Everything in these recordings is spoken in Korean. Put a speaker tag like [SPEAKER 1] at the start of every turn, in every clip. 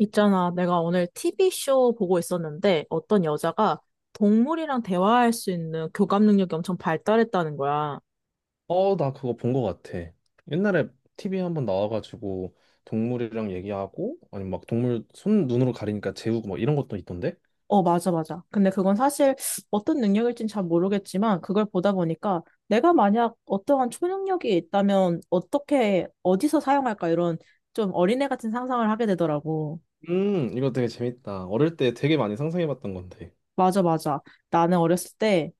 [SPEAKER 1] 있잖아, 내가 오늘 TV쇼 보고 있었는데 어떤 여자가 동물이랑 대화할 수 있는 교감 능력이 엄청 발달했다는 거야.
[SPEAKER 2] 나 그거 본 거 같아. 옛날에 TV에 한 번 나와가지고 동물이랑 얘기하고 아니 막 동물 손 눈으로 가리니까 재우고 막 이런 것도 있던데?
[SPEAKER 1] 맞아, 맞아. 근데 그건 사실 어떤 능력일진 잘 모르겠지만 그걸 보다 보니까 내가 만약 어떠한 초능력이 있다면 어떻게, 어디서 사용할까 이런 좀 어린애 같은 상상을 하게 되더라고.
[SPEAKER 2] 이거 되게 재밌다. 어릴 때 되게 많이 상상해봤던 건데.
[SPEAKER 1] 맞아, 맞아. 나는 어렸을 때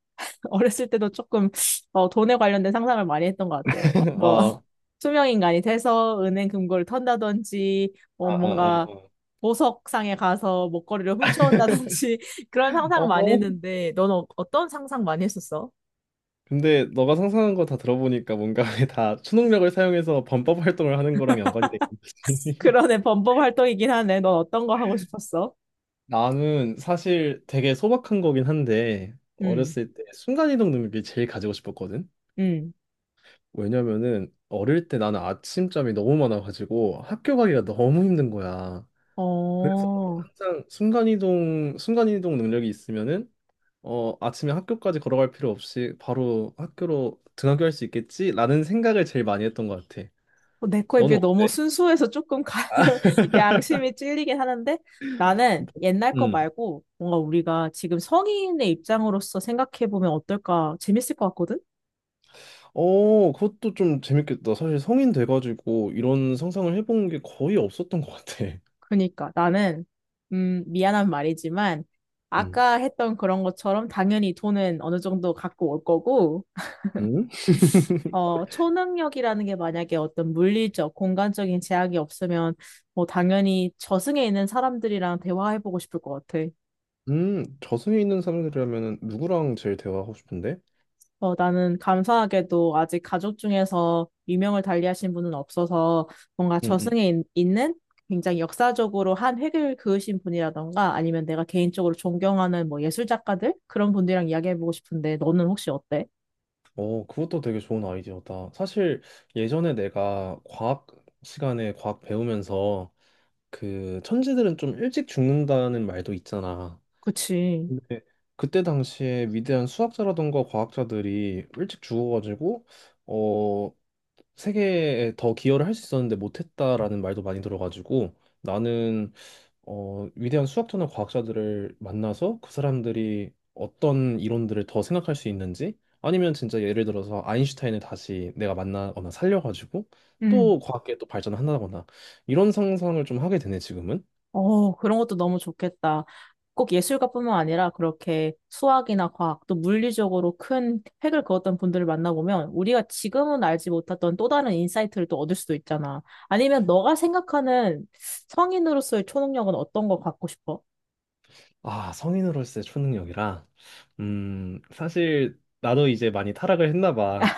[SPEAKER 1] 어렸을 때도 조금 돈에 관련된 상상을 많이 했던 것 같아. 뭐
[SPEAKER 2] 아,
[SPEAKER 1] 투명인간이 돼서 은행 금고를 턴다든지 뭐
[SPEAKER 2] 아, 아,
[SPEAKER 1] 뭔가
[SPEAKER 2] 아,
[SPEAKER 1] 보석상에 가서 목걸이를 훔쳐온다든지 그런
[SPEAKER 2] 아.
[SPEAKER 1] 상상 을 많이
[SPEAKER 2] 어?
[SPEAKER 1] 했는데 넌 어떤 상상 많이 했었어?
[SPEAKER 2] 근데 너가 상상한 거 다 들어보니까 뭔가 다 초능력을 사용해서 범법 활동을 하는 거랑 연관이 되는 거지.
[SPEAKER 1] 그러네, 범법 활동이긴 하네. 넌 어떤 거 하고 싶었어?
[SPEAKER 2] 나는 사실 되게 소박한 거긴 한데
[SPEAKER 1] 응.
[SPEAKER 2] 어렸을 때 순간이동 능력이 제일 가지고 싶었거든.
[SPEAKER 1] 응.
[SPEAKER 2] 왜냐면은 어릴 때 나는 아침잠이 너무 많아가지고 학교 가기가 너무 힘든 거야. 그래서
[SPEAKER 1] 어.
[SPEAKER 2] 항상 순간이동 능력이 있으면은 아침에 학교까지 걸어갈 필요 없이 바로 학교로 등하교할 수 있겠지라는 생각을 제일 많이 했던 것 같아.
[SPEAKER 1] 어, 내 거에
[SPEAKER 2] 너는
[SPEAKER 1] 비해 너무
[SPEAKER 2] 어때?
[SPEAKER 1] 순수해서 조금 양심이 찔리긴 하는데, 나는 옛날 거
[SPEAKER 2] 음.
[SPEAKER 1] 말고 뭔가 우리가 지금 성인의 입장으로서 생각해보면 어떨까 재밌을 것 같거든?
[SPEAKER 2] 그것도 좀 재밌겠다. 사실 성인 돼가지고 이런 상상을 해본 게 거의 없었던 것 같아.
[SPEAKER 1] 그러니까 나는, 미안한 말이지만
[SPEAKER 2] 음.
[SPEAKER 1] 아까 했던 그런 것처럼 당연히 돈은 어느 정도 갖고 올 거고,
[SPEAKER 2] 음?
[SPEAKER 1] 어, 초능력이라는 게 만약에 어떤 물리적, 공간적인 제약이 없으면 뭐 당연히 저승에 있는 사람들이랑 대화해보고 싶을 것 같아.
[SPEAKER 2] 저승에 있는 사람들이라면 누구랑 제일 대화하고 싶은데?
[SPEAKER 1] 어, 나는 감사하게도 아직 가족 중에서 유명을 달리하신 분은 없어서 뭔가
[SPEAKER 2] 응응.
[SPEAKER 1] 저승에 있는 굉장히 역사적으로 한 획을 그으신 분이라던가 아니면 내가 개인적으로 존경하는 뭐 예술 작가들? 그런 분들이랑 이야기해보고 싶은데, 너는 혹시 어때?
[SPEAKER 2] 그것도 되게 좋은 아이디어다. 사실 예전에 내가 과학 시간에 과학 배우면서 그 천재들은 좀 일찍 죽는다는 말도 있잖아.
[SPEAKER 1] 그치.
[SPEAKER 2] 근데 그때 당시에 위대한 수학자라던가 과학자들이 일찍 죽어가지고 어, 세계에 더 기여를 할 수 있었는데 못했다라는 말도 많이 들어가지고 나는 위대한 수학자나 과학자들을 만나서 그 사람들이 어떤 이론들을 더 생각할 수 있는지 아니면 진짜 예를 들어서 아인슈타인을 다시 내가 만나거나 살려가지고
[SPEAKER 1] 음.
[SPEAKER 2] 또 과학계 또 발전한다거나 이런 상상을 좀 하게 되네 지금은.
[SPEAKER 1] 어, 그런 것도 너무 좋겠다. 꼭 예술가뿐만 아니라 그렇게 수학이나 과학, 또 물리적으로 큰 획을 그었던 분들을 만나보면 우리가 지금은 알지 못했던 또 다른 인사이트를 또 얻을 수도 있잖아. 아니면 너가 생각하는 성인으로서의 초능력은 어떤 거 갖고 싶어?
[SPEAKER 2] 아, 성인으로서의 초능력이라. 사실 나도 이제 많이 타락을 했나 봐.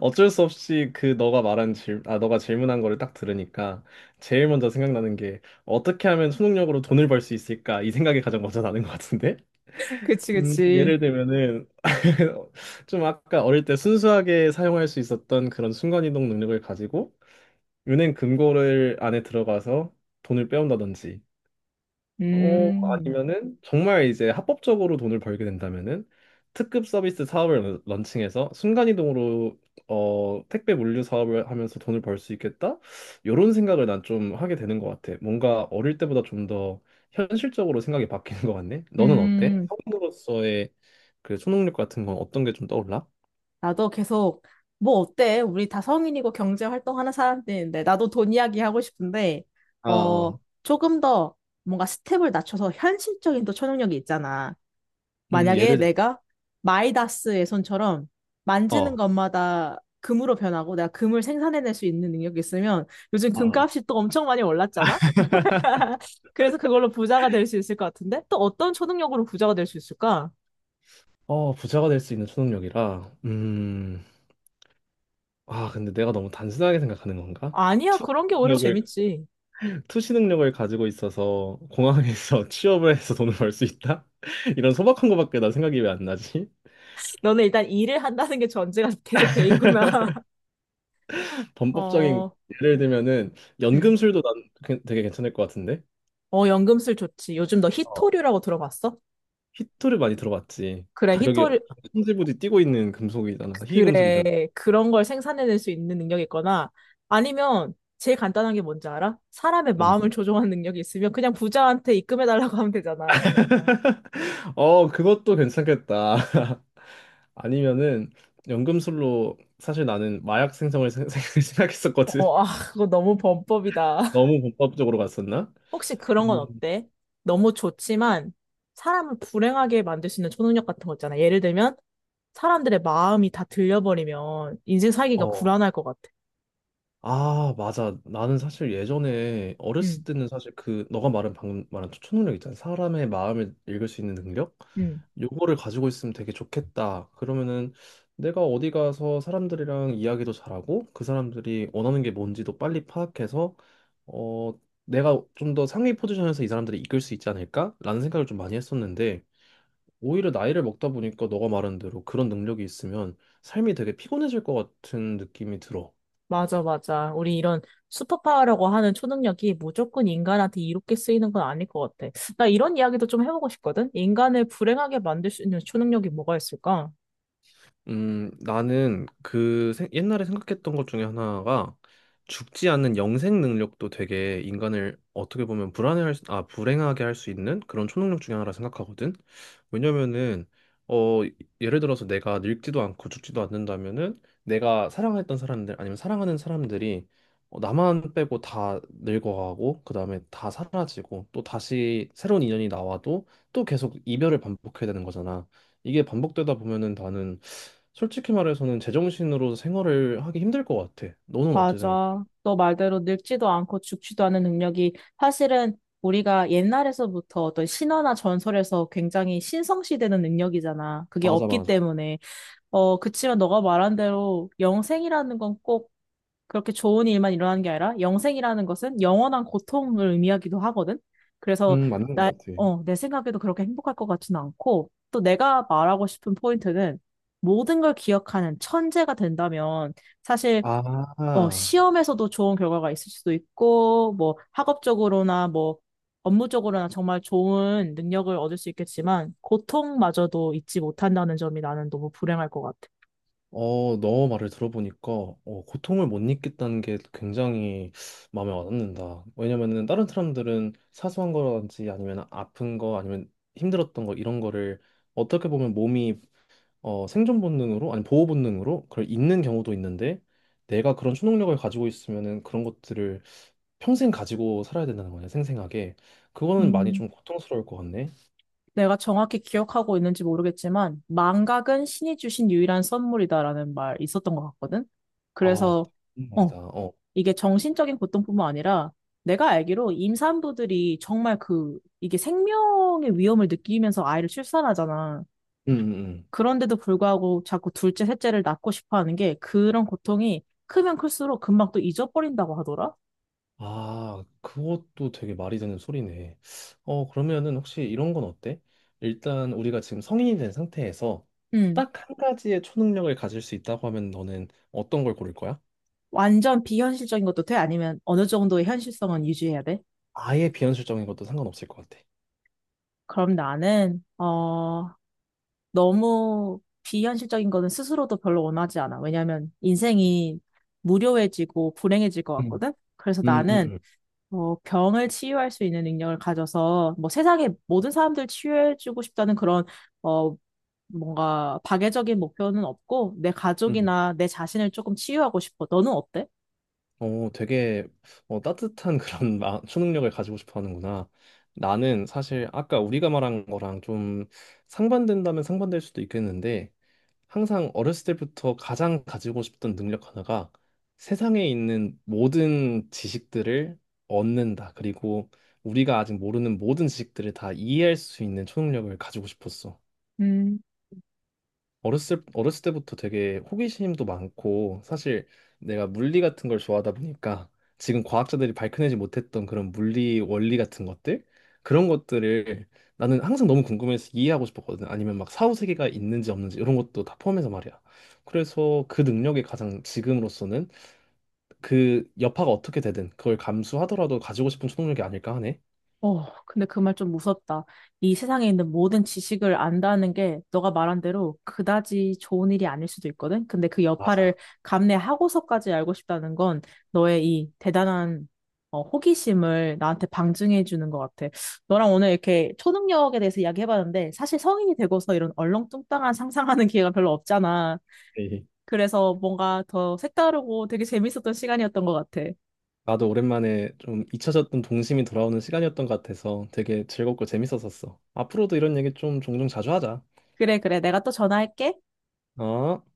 [SPEAKER 2] 어쩔 수 없이 그 너가 말한 질, 아, 너가 질문한 거를 딱 들으니까 제일 먼저 생각나는 게 어떻게 하면 초능력으로 돈을 벌 수 있을까? 이 생각이 가장 먼저 나는 것 같은데?
[SPEAKER 1] 그치, 그치.
[SPEAKER 2] 예를 들면은 좀 아까 어릴 때 순수하게 사용할 수 있었던 그런 순간이동 능력을 가지고 은행 금고를 안에 들어가서 돈을 빼온다든지
[SPEAKER 1] 음,
[SPEAKER 2] 아니면은 정말 이제 합법적으로 돈을 벌게 된다면은 특급 서비스 사업을 런칭해서 순간이동으로 택배 물류 사업을 하면서 돈을 벌 수 있겠다? 이런 생각을 난 좀 하게 되는 것 같아. 뭔가 어릴 때보다 좀 더 현실적으로 생각이 바뀌는 것 같네. 너는 어때?
[SPEAKER 1] 음.
[SPEAKER 2] 성인으로서의 그 초능력 같은 건 어떤 게 좀 떠올라?
[SPEAKER 1] 나도 계속, 뭐 어때? 우리 다 성인이고 경제 활동하는 사람들인데 나도 돈 이야기 하고 싶은데.
[SPEAKER 2] 아
[SPEAKER 1] 어,
[SPEAKER 2] 어,
[SPEAKER 1] 조금 더 뭔가 스텝을 낮춰서 현실적인 또 초능력이 있잖아. 만약에
[SPEAKER 2] 예를 들어,
[SPEAKER 1] 내가 마이다스의 손처럼 만지는
[SPEAKER 2] 어.
[SPEAKER 1] 것마다 금으로 변하고 내가 금을 생산해낼 수 있는 능력이 있으면, 요즘
[SPEAKER 2] 어.
[SPEAKER 1] 금값이 또 엄청 많이 올랐잖아. 그래서 그걸로 부자가 될 수 있을 것 같은데, 또 어떤 초능력으로 부자가 될 수 있을까?
[SPEAKER 2] 어, 부자가 될 수 있는 초능력이라. 음. 아, 근데 내가 너무 단순하게 생각하는 건가?
[SPEAKER 1] 아니야,
[SPEAKER 2] 투
[SPEAKER 1] 그런 게 오히려
[SPEAKER 2] 능력을,
[SPEAKER 1] 재밌지.
[SPEAKER 2] 투시 능력을 가지고 있어서 공항에서 취업을 해서 돈을 벌 수 있다? 이런 소박한 거밖에 나 생각이 왜 안 나지?
[SPEAKER 1] 너는 일단 일을 한다는 게 전제가 계속 돼 있구나.
[SPEAKER 2] 범법적인
[SPEAKER 1] 어,
[SPEAKER 2] 예를 들면은
[SPEAKER 1] 음.
[SPEAKER 2] 연금술도 난 되게 괜찮을 것 같은데?
[SPEAKER 1] 어, 연금술 좋지. 요즘 너
[SPEAKER 2] 어,
[SPEAKER 1] 희토류라고 들어봤어?
[SPEAKER 2] 희토를 많이 들어봤지.
[SPEAKER 1] 그래,
[SPEAKER 2] 가격이
[SPEAKER 1] 희토류,
[SPEAKER 2] 천지부지 뛰고 있는 금속이잖아. 희귀 금속이잖아.
[SPEAKER 1] 그래, 그런 걸 생산해낼 수 있는 능력이 있거나, 아니면 제일 간단한 게 뭔지 알아? 사람의 마음을 조종하는 능력이 있으면 그냥 부자한테 입금해달라고 하면 되잖아.
[SPEAKER 2] 그것도 괜찮겠다. 아니면은 연금술로 사실 나는 마약 생성을 생각했었거든.
[SPEAKER 1] 어, 아, 그거 너무 범법이다.
[SPEAKER 2] 너무 범법적으로 갔었나?
[SPEAKER 1] 혹시 그런 건
[SPEAKER 2] 음.
[SPEAKER 1] 어때? 너무 좋지만, 사람을 불행하게 만들 수 있는 초능력 같은 거 있잖아. 예를 들면 사람들의 마음이 다 들려버리면 인생 살기가
[SPEAKER 2] 어,
[SPEAKER 1] 불안할 것 같아.
[SPEAKER 2] 아, 맞아. 나는 사실 예전에
[SPEAKER 1] 응,
[SPEAKER 2] 어렸을 때는 사실 그 너가 말한 방금 말한 초능력 있잖아. 사람의 마음을 읽을 수 있는 능력?
[SPEAKER 1] 응.
[SPEAKER 2] 요거를 가지고 있으면 되게 좋겠다. 그러면은 내가 어디 가서 사람들이랑 이야기도 잘하고 그 사람들이 원하는 게 뭔지도 빨리 파악해서 어 내가 좀 더 상위 포지션에서 이 사람들이 이끌 수 있지 않을까? 라는 생각을 좀 많이 했었는데 오히려 나이를 먹다 보니까 너가 말한 대로 그런 능력이 있으면 삶이 되게 피곤해질 것 같은 느낌이 들어.
[SPEAKER 1] 맞아, 맞아. 우리 이런 슈퍼파워라고 하는 초능력이 무조건 인간한테 이롭게 쓰이는 건 아닐 것 같아. 나 이런 이야기도 좀 해보고 싶거든? 인간을 불행하게 만들 수 있는 초능력이 뭐가 있을까?
[SPEAKER 2] 나는 옛날에 생각했던 것 중에 하나가 죽지 않는 영생 능력도 되게 인간을 어떻게 보면 불행하게 할 수 있는 그런 초능력 중에 하나라 생각하거든. 왜냐면은 어 예를 들어서 내가 늙지도 않고 죽지도 않는다면은 내가 사랑했던 사람들 아니면 사랑하는 사람들이 나만 빼고 다 늙어가고 그다음에 다 사라지고 또 다시 새로운 인연이 나와도 또 계속 이별을 반복해야 되는 거잖아. 이게 반복되다 보면은 나는 솔직히 말해서는 제정신으로 생활을 하기 힘들 것 같아. 너는 어떻게 생각해?
[SPEAKER 1] 맞아. 너 말대로 늙지도 않고 죽지도 않은 능력이 사실은 우리가 옛날에서부터 어떤 신화나 전설에서 굉장히 신성시되는 능력이잖아, 그게
[SPEAKER 2] 맞아,
[SPEAKER 1] 없기
[SPEAKER 2] 맞아.
[SPEAKER 1] 때문에. 어, 그치만 너가 말한 대로 영생이라는 건 꼭 그렇게 좋은 일만 일어나는 게 아니라, 영생이라는 것은 영원한 고통을 의미하기도 하거든. 그래서
[SPEAKER 2] 맞는
[SPEAKER 1] 나,
[SPEAKER 2] 것 같아.
[SPEAKER 1] 어, 내 생각에도 그렇게 행복할 것 같지는 않고, 또 내가 말하고 싶은 포인트는 모든 걸 기억하는 천재가 된다면 사실 어,
[SPEAKER 2] 아,
[SPEAKER 1] 시험에서도 좋은 결과가 있을 수도 있고, 뭐, 학업적으로나 뭐, 업무적으로나 정말 좋은 능력을 얻을 수 있겠지만, 고통마저도 잊지 못한다는 점이 나는 너무 불행할 것 같아.
[SPEAKER 2] 너 말을 들어보니까 고통을 못 느꼈다는 게 굉장히 마음에 와닿는다. 왜냐면은 다른 사람들은 사소한 거라든지 아니면 아픈 거 아니면 힘들었던 거 이런 거를 어떻게 보면 몸이 어, 생존 본능으로 아니 보호 본능으로 그걸 잊는 경우도 있는데 내가 그런 초능력을 가지고 있으면은 그런 것들을 평생 가지고 살아야 된다는 거냐, 생생하게. 그거는 많이
[SPEAKER 1] 음,
[SPEAKER 2] 좀 고통스러울 것 같네.
[SPEAKER 1] 내가 정확히 기억하고 있는지 모르겠지만, 망각은 신이 주신 유일한 선물이다라는 말 있었던 것 같거든?
[SPEAKER 2] 아,
[SPEAKER 1] 그래서,
[SPEAKER 2] 무슨
[SPEAKER 1] 어,
[SPEAKER 2] 말이다. 어.
[SPEAKER 1] 이게 정신적인 고통뿐만 아니라, 내가 알기로 임산부들이 정말 그, 이게 생명의 위험을 느끼면서 아이를 출산하잖아.
[SPEAKER 2] 음, 음, 음.
[SPEAKER 1] 그런데도 불구하고 자꾸 둘째, 셋째를 낳고 싶어 하는 게, 그런 고통이 크면 클수록 금방 또 잊어버린다고 하더라?
[SPEAKER 2] 아, 그것도 되게 말이 되는 소리네. 어, 그러면은 혹시 이런 건 어때? 일단 우리가 지금 성인이 된 상태에서
[SPEAKER 1] 음.
[SPEAKER 2] 딱 한 가지의 초능력을 가질 수 있다고 하면 너는 어떤 걸 고를 거야?
[SPEAKER 1] 완전 비현실적인 것도 돼? 아니면 어느 정도의 현실성은 유지해야 돼?
[SPEAKER 2] 아예 비현실적인 것도 상관없을 것 같아.
[SPEAKER 1] 그럼 나는, 어, 너무 비현실적인 거는 스스로도 별로 원하지 않아. 왜냐면 인생이 무료해지고 불행해질 것
[SPEAKER 2] 음,
[SPEAKER 1] 같거든? 그래서
[SPEAKER 2] 음, 음,
[SPEAKER 1] 나는,
[SPEAKER 2] 음.
[SPEAKER 1] 어, 병을 치유할 수 있는 능력을 가져서 뭐 세상의 모든 사람들 치유해주고 싶다는 그런, 어, 뭔가 박애적인 목표는 없고 내
[SPEAKER 2] 음.
[SPEAKER 1] 가족이나 내 자신을 조금 치유하고 싶어. 너는 어때?
[SPEAKER 2] 어, 되게 따뜻한 그런 초능력을 가지고 싶어 하는구나. 나는 사실 아까 우리가 말한 거랑 좀 상반된다면 상반될 수도 있겠는데 항상 어렸을 때부터 가장 가지고 싶던 능력 하나가 세상에 있는 모든 지식들을 얻는다. 그리고 우리가 아직 모르는 모든 지식들을 다 이해할 수 있는 초능력을 가지고 싶었어.
[SPEAKER 1] 음.
[SPEAKER 2] 어렸을 때부터 되게 호기심도 많고, 사실 내가 물리 같은 걸 좋아하다 보니까 지금 과학자들이 밝혀내지 못했던 그런 물리 원리 같은 것들? 그런 것들을 나는 항상 너무 궁금해서 이해하고 싶었거든. 아니면 막 사후세계가 있는지 없는지 이런 것도 다 포함해서 말이야. 그래서 그 능력이 가장 지금으로서는 그 여파가 어떻게 되든 그걸 감수하더라도 가지고 싶은 초능력이 아닐까 하네.
[SPEAKER 1] 어, 근데 그 말 좀 무섭다. 이 세상에 있는 모든 지식을 안다는 게 너가 말한 대로 그다지 좋은 일이 아닐 수도 있거든. 근데 그 여파를
[SPEAKER 2] 맞아.
[SPEAKER 1] 감내하고서까지 알고 싶다는 건 너의 이 대단한, 어, 호기심을 나한테 방증해 주는 것 같아. 너랑 오늘 이렇게 초능력에 대해서 이야기해봤는데 사실 성인이 되고서 이런 얼렁뚱땅한 상상하는 기회가 별로 없잖아. 그래서 뭔가 더 색다르고 되게 재밌었던 시간이었던 것 같아.
[SPEAKER 2] 나도 오랜만에 좀 잊혀졌던 동심이 돌아오는 시간이었던 것 같아서 되게 즐겁고 재밌었었어. 앞으로도 이런 얘기 좀 종종 자주 하자.
[SPEAKER 1] 그래, 그래. 내가 또 전화할게.
[SPEAKER 2] 어?